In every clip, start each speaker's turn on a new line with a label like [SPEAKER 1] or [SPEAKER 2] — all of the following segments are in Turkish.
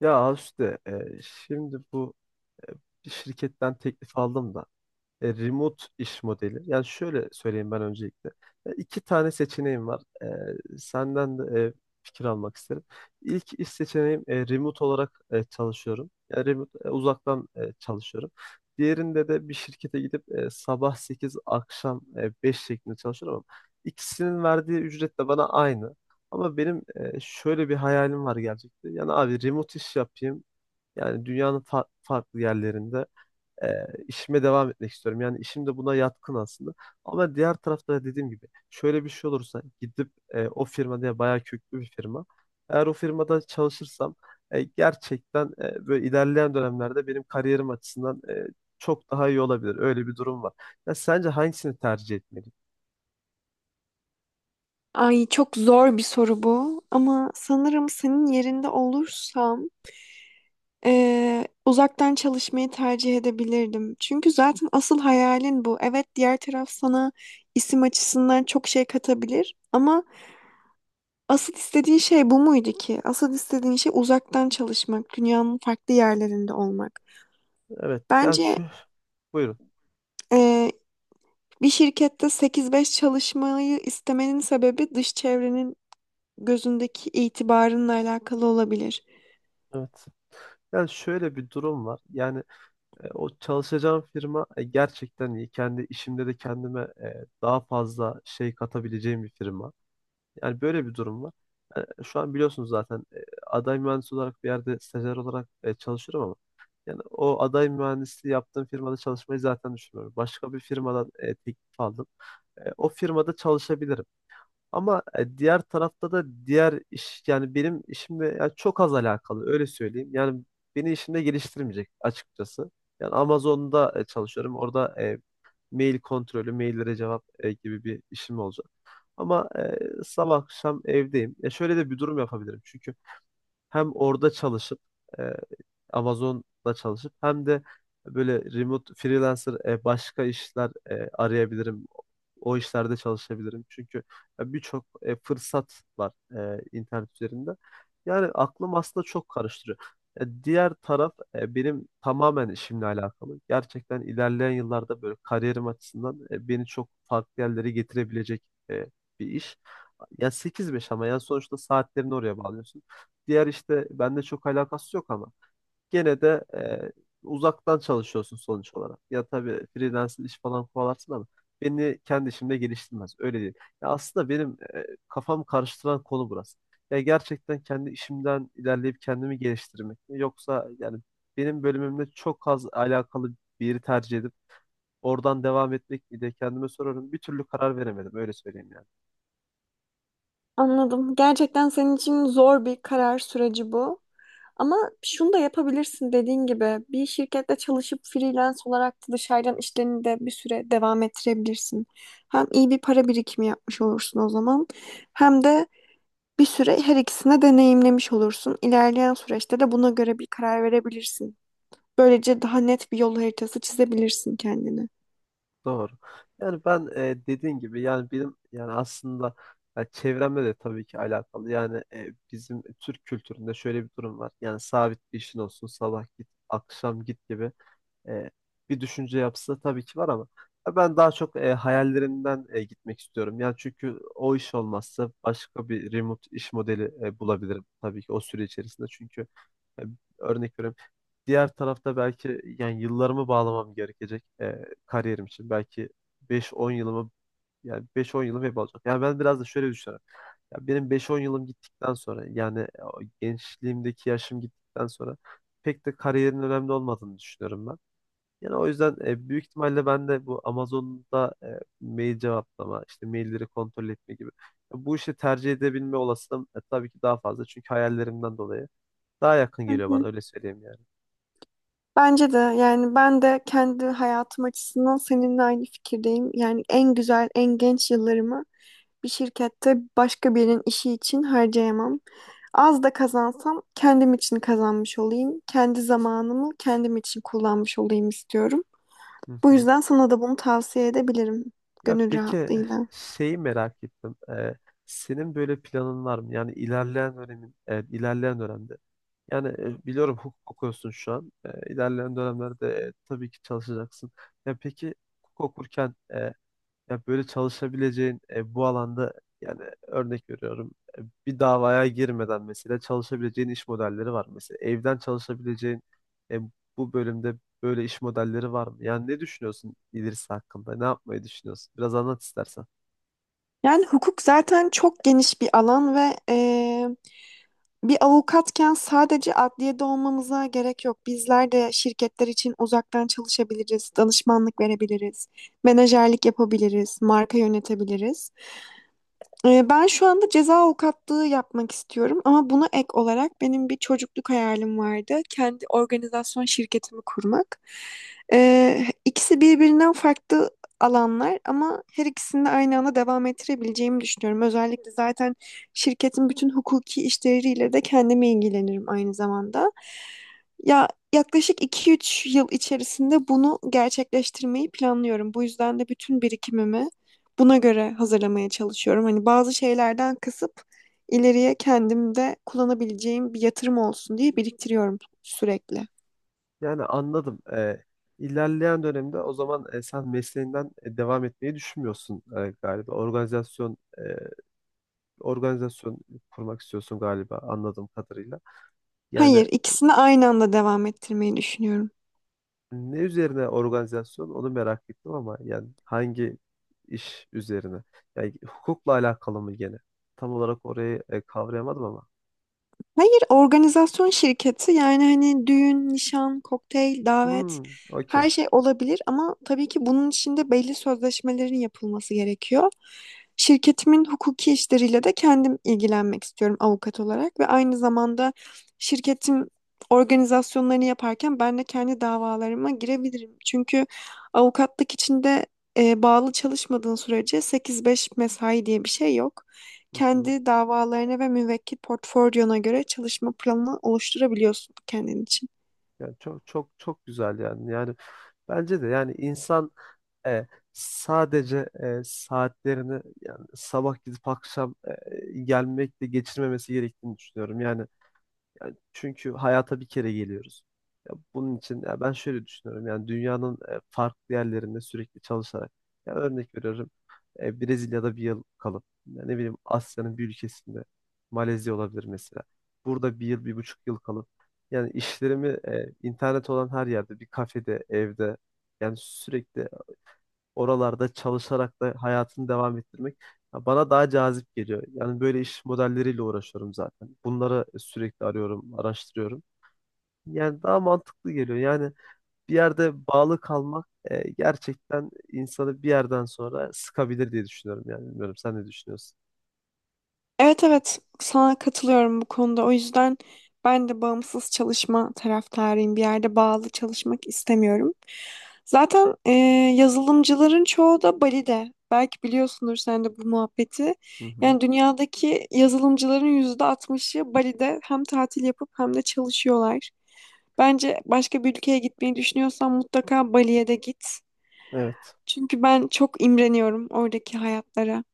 [SPEAKER 1] Ya Azuste, şimdi bu e, bir şirketten teklif aldım da remote iş modeli. Yani şöyle söyleyeyim ben öncelikle. İki tane seçeneğim var. Senden de fikir almak isterim. İlk iş seçeneğim remote olarak çalışıyorum. Yani remote, uzaktan çalışıyorum. Diğerinde de bir şirkete gidip sabah 8 akşam 5 şeklinde çalışıyorum ama ikisinin verdiği ücret de bana aynı. Ama benim şöyle bir hayalim var gerçekten. Yani abi remote iş yapayım. Yani dünyanın farklı yerlerinde e, işime devam etmek istiyorum. Yani işim de buna yatkın aslında. Ama diğer tarafta da dediğim gibi şöyle bir şey olursa gidip o firma diye bayağı köklü bir firma. Eğer o firmada çalışırsam gerçekten böyle ilerleyen dönemlerde benim kariyerim açısından çok daha iyi olabilir. Öyle bir durum var. Ya sence hangisini tercih etmeliyim?
[SPEAKER 2] Ay çok zor bir soru bu ama sanırım senin yerinde olursam uzaktan çalışmayı tercih edebilirdim. Çünkü zaten asıl hayalin bu. Evet diğer taraf sana isim açısından çok şey katabilir ama asıl istediğin şey bu muydu ki? Asıl istediğin şey uzaktan çalışmak, dünyanın farklı yerlerinde olmak.
[SPEAKER 1] Evet. Yani
[SPEAKER 2] Bence
[SPEAKER 1] şu, buyurun.
[SPEAKER 2] eee, bir şirkette sekiz beş çalışmayı istemenin sebebi dış çevrenin gözündeki itibarınla alakalı olabilir.
[SPEAKER 1] Evet. Yani şöyle bir durum var. Yani o çalışacağım firma gerçekten iyi. Kendi işimde de kendime daha fazla şey katabileceğim bir firma. Yani böyle bir durum var. Yani şu an biliyorsunuz zaten aday mühendis olarak bir yerde stajyer olarak çalışıyorum ama yani o aday mühendisliği yaptığım firmada çalışmayı zaten düşünmüyorum. Başka bir firmadan teklif aldım. O firmada çalışabilirim. Ama diğer tarafta da diğer iş yani benim işimle yani çok az alakalı öyle söyleyeyim. Yani beni işimde geliştirmeyecek açıkçası. Yani Amazon'da çalışıyorum. Orada mail kontrolü, maillere cevap gibi bir işim olacak. Ama sabah akşam evdeyim. Şöyle de bir durum yapabilirim. Çünkü hem orada çalışıp e, Amazon'da çalışıp hem de böyle remote freelancer başka işler arayabilirim. O işlerde çalışabilirim. Çünkü ya birçok fırsat var internet üzerinde. Yani aklım aslında çok karıştırıyor. Diğer taraf benim tamamen işimle alakalı. Gerçekten ilerleyen yıllarda böyle kariyerim açısından beni çok farklı yerlere getirebilecek e, bir iş. Ya sekiz beş ama yani sonuçta saatlerini oraya bağlıyorsun. Diğer işte bende çok alakası yok ama gene de uzaktan çalışıyorsun sonuç olarak. Ya tabii freelance iş falan kovalarsın ama beni kendi işimde geliştirmez. Öyle değil. Ya aslında benim kafam karıştıran konu burası. Ya gerçekten kendi işimden ilerleyip kendimi geliştirmek mi? Yoksa yani benim bölümümle çok az alakalı bir yeri tercih edip oradan devam etmek mi diye kendime soruyorum. Bir türlü karar veremedim öyle söyleyeyim yani.
[SPEAKER 2] Anladım. Gerçekten senin için zor bir karar süreci bu. Ama şunu da yapabilirsin dediğin gibi bir şirkette çalışıp freelance olarak da dışarıdan işlerini de bir süre devam ettirebilirsin. Hem iyi bir para birikimi yapmış olursun o zaman hem de bir süre her ikisini deneyimlemiş olursun. İlerleyen süreçte de buna göre bir karar verebilirsin. Böylece daha net bir yol haritası çizebilirsin kendine.
[SPEAKER 1] Doğru. Yani ben dediğin gibi yani benim yani aslında ya çevremle de tabii ki alakalı. Yani bizim Türk kültüründe şöyle bir durum var. Yani sabit bir işin olsun sabah git akşam git gibi e, bir düşünce yapısı tabii ki var ama ya ben daha çok hayallerimden gitmek istiyorum. Yani çünkü o iş olmazsa başka bir remote iş modeli bulabilirim tabii ki o süre içerisinde. Çünkü e, örnek veriyorum. Diğer tarafta belki yani yıllarımı bağlamam gerekecek kariyerim için. Belki beş on yılımı yani beş on yılım hep olacak. Yani ben biraz da şöyle düşünüyorum. Ya benim beş on yılım gittikten sonra yani o gençliğimdeki yaşım gittikten sonra pek de kariyerin önemli olmadığını düşünüyorum ben. Yani o yüzden büyük ihtimalle ben de bu Amazon'da mail cevaplama, işte mailleri kontrol etme gibi. Bu işi tercih edebilme olasılığım tabii ki daha fazla. Çünkü hayallerimden dolayı daha yakın
[SPEAKER 2] Hı
[SPEAKER 1] geliyor bana
[SPEAKER 2] hı.
[SPEAKER 1] öyle söyleyeyim yani.
[SPEAKER 2] Bence de yani ben de kendi hayatım açısından seninle aynı fikirdeyim. Yani en güzel, en genç yıllarımı bir şirkette başka birinin işi için harcayamam. Az da kazansam kendim için kazanmış olayım. Kendi zamanımı kendim için kullanmış olayım istiyorum.
[SPEAKER 1] Hı
[SPEAKER 2] Bu
[SPEAKER 1] hı.
[SPEAKER 2] yüzden sana da bunu tavsiye edebilirim
[SPEAKER 1] Ya
[SPEAKER 2] gönül
[SPEAKER 1] peki
[SPEAKER 2] rahatlığıyla.
[SPEAKER 1] şeyi merak ettim. Senin böyle planın var mı? Yani ilerleyen dönemde. Yani biliyorum hukuk okuyorsun şu an. İlerleyen dönemlerde tabii ki çalışacaksın. Ya peki hukuk okurken ya böyle çalışabileceğin bu alanda yani örnek veriyorum bir davaya girmeden mesela çalışabileceğin iş modelleri var. Mesela evden çalışabileceğin e, bu bölümde böyle iş modelleri var mı? Yani ne düşünüyorsun ilerisi hakkında? Ne yapmayı düşünüyorsun? Biraz anlat istersen.
[SPEAKER 2] Yani hukuk zaten çok geniş bir alan ve bir avukatken sadece adliyede olmamıza gerek yok. Bizler de şirketler için uzaktan çalışabiliriz, danışmanlık verebiliriz, menajerlik yapabiliriz, marka yönetebiliriz. Ben şu anda ceza avukatlığı yapmak istiyorum ama buna ek olarak benim bir çocukluk hayalim vardı. Kendi organizasyon şirketimi kurmak. İkisi birbirinden farklı alanlar ama her ikisini de aynı anda devam ettirebileceğimi düşünüyorum. Özellikle zaten şirketin bütün hukuki işleriyle de kendime ilgilenirim aynı zamanda. Ya yaklaşık iki üç yıl içerisinde bunu gerçekleştirmeyi planlıyorum. Bu yüzden de bütün birikimimi buna göre hazırlamaya çalışıyorum. Hani bazı şeylerden kısıp ileriye kendimde kullanabileceğim bir yatırım olsun diye biriktiriyorum sürekli.
[SPEAKER 1] Yani anladım. İlerleyen dönemde o zaman sen mesleğinden devam etmeyi düşünmüyorsun galiba. Organizasyon kurmak istiyorsun galiba anladığım kadarıyla. Yani
[SPEAKER 2] Hayır, ikisini aynı anda devam ettirmeyi düşünüyorum.
[SPEAKER 1] ne üzerine organizasyon onu merak ettim ama yani hangi iş üzerine? Yani hukukla alakalı mı gene? Tam olarak orayı kavrayamadım ama.
[SPEAKER 2] Hayır, organizasyon şirketi yani hani düğün, nişan, kokteyl, davet
[SPEAKER 1] Hmm, okey.
[SPEAKER 2] her şey olabilir ama tabii ki bunun içinde belli sözleşmelerin yapılması gerekiyor. Şirketimin hukuki işleriyle de kendim ilgilenmek istiyorum avukat olarak ve aynı zamanda şirketim organizasyonlarını yaparken ben de kendi davalarıma girebilirim. Çünkü avukatlık içinde bağlı çalışmadığın sürece sekiz beş mesai diye bir şey yok,
[SPEAKER 1] Hı hı.
[SPEAKER 2] kendi davalarına ve müvekkil portfolyona göre çalışma planını oluşturabiliyorsun kendin için.
[SPEAKER 1] Yani çok çok çok güzel yani. Yani bence de yani insan e, sadece saatlerini yani sabah gidip akşam gelmekle geçirmemesi gerektiğini düşünüyorum. Yani çünkü hayata bir kere geliyoruz. Ya bunun için ya ben şöyle düşünüyorum. Yani dünyanın farklı yerlerinde sürekli çalışarak ya örnek veriyorum. Brezilya'da bir yıl kalıp ya ne bileyim Asya'nın bir ülkesinde Malezya olabilir mesela. Burada bir yıl, bir buçuk yıl kalıp yani işlerimi internet olan her yerde bir kafede, evde yani sürekli oralarda çalışarak da hayatını devam ettirmek ya bana daha cazip geliyor. Yani böyle iş modelleriyle uğraşıyorum zaten. Bunları sürekli arıyorum, araştırıyorum. Yani daha mantıklı geliyor. Yani bir yerde bağlı kalmak gerçekten insanı bir yerden sonra sıkabilir diye düşünüyorum yani. Bilmiyorum sen ne düşünüyorsun?
[SPEAKER 2] Evet evet sana katılıyorum bu konuda. O yüzden ben de bağımsız çalışma taraftarıyım. Bir yerde bağlı çalışmak istemiyorum. Zaten yazılımcıların çoğu da Bali'de. Belki biliyorsundur sen de bu muhabbeti.
[SPEAKER 1] Hı hı.
[SPEAKER 2] Yani dünyadaki yazılımcıların %60'ı Bali'de hem tatil yapıp hem de çalışıyorlar. Bence başka bir ülkeye gitmeyi düşünüyorsan mutlaka Bali'ye de git.
[SPEAKER 1] Evet.
[SPEAKER 2] Çünkü ben çok imreniyorum oradaki hayatlara.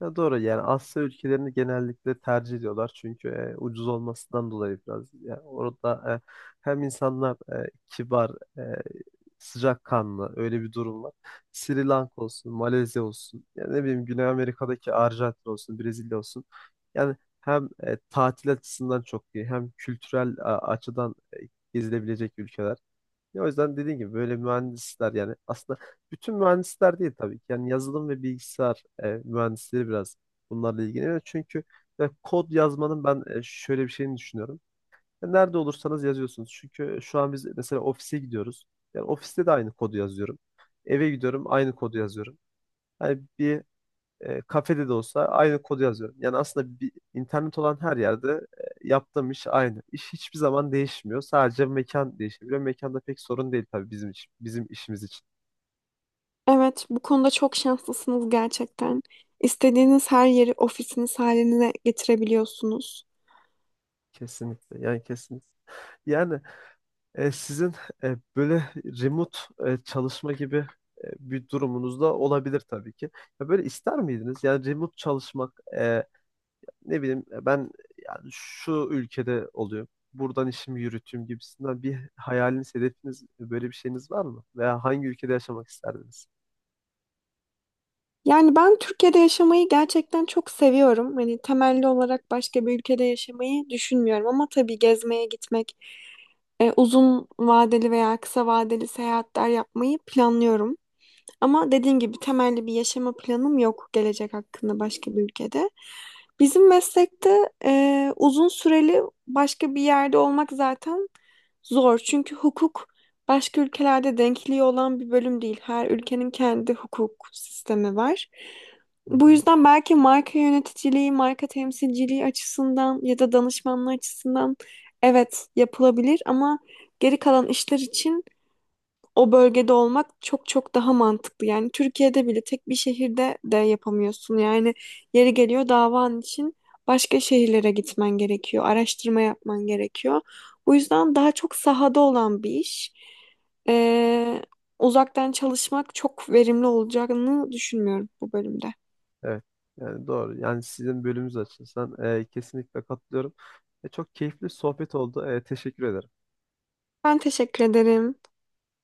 [SPEAKER 1] Ya doğru yani Asya ülkelerini genellikle tercih ediyorlar çünkü ucuz olmasından dolayı biraz. Yani orada hem insanlar kibar, e, sıcakkanlı öyle bir durum var. Sri Lanka olsun, Malezya olsun, yani ne bileyim Güney Amerika'daki Arjantin olsun, Brezilya olsun. Yani hem tatil açısından çok iyi hem kültürel açıdan gezilebilecek ülkeler. Ya o yüzden dediğim gibi böyle mühendisler yani aslında bütün mühendisler değil tabii ki. Yani yazılım ve bilgisayar mühendisleri biraz bunlarla ilgileniyor. Çünkü ya kod yazmanın ben şöyle bir şeyini düşünüyorum. Ya nerede olursanız yazıyorsunuz. Çünkü şu an biz mesela ofise gidiyoruz. Yani ofiste de aynı kodu yazıyorum. Eve gidiyorum aynı kodu yazıyorum. Yani bir kafede de olsa aynı kodu yazıyorum. Yani aslında bir, internet olan her yerde yaptığım iş aynı. İş hiçbir zaman değişmiyor. Sadece mekan değişebiliyor. Mekanda pek sorun değil tabii bizim için, bizim işimiz için.
[SPEAKER 2] Evet, bu konuda çok şanslısınız gerçekten. İstediğiniz her yeri ofisiniz haline getirebiliyorsunuz.
[SPEAKER 1] Kesinlikle. Yani kesinlikle. Yani sizin böyle remote çalışma gibi bir durumunuz da olabilir tabii ki. Ya böyle ister miydiniz? Yani remote çalışmak ne bileyim ya ben yani şu ülkede oluyor. Buradan işimi yürüteyim gibisinden bir hayaliniz, hedefiniz, böyle bir şeyiniz var mı? Veya hangi ülkede yaşamak isterdiniz?
[SPEAKER 2] Yani ben Türkiye'de yaşamayı gerçekten çok seviyorum. Hani temelli olarak başka bir ülkede yaşamayı düşünmüyorum ama tabii gezmeye gitmek, uzun vadeli veya kısa vadeli seyahatler yapmayı planlıyorum. Ama dediğim gibi temelli bir yaşama planım yok gelecek hakkında başka bir ülkede. Bizim meslekte uzun süreli başka bir yerde olmak zaten zor. Çünkü hukuk başka ülkelerde denkliği olan bir bölüm değil. Her ülkenin kendi hukuk sistemi var.
[SPEAKER 1] Hı
[SPEAKER 2] Bu
[SPEAKER 1] hı.
[SPEAKER 2] yüzden belki marka yöneticiliği, marka temsilciliği açısından ya da danışmanlığı açısından evet yapılabilir ama geri kalan işler için o bölgede olmak çok çok daha mantıklı. Yani Türkiye'de bile tek bir şehirde de yapamıyorsun. Yani yeri geliyor davan için başka şehirlere gitmen gerekiyor, araştırma yapman gerekiyor. Bu yüzden daha çok sahada olan bir iş. Ee, Uzaktan çalışmak çok verimli olacağını düşünmüyorum bu bölümde.
[SPEAKER 1] Evet. Yani doğru. Yani sizin bölümünüz açısından kesinlikle katılıyorum. Çok keyifli sohbet oldu. Teşekkür ederim.
[SPEAKER 2] Ben teşekkür ederim.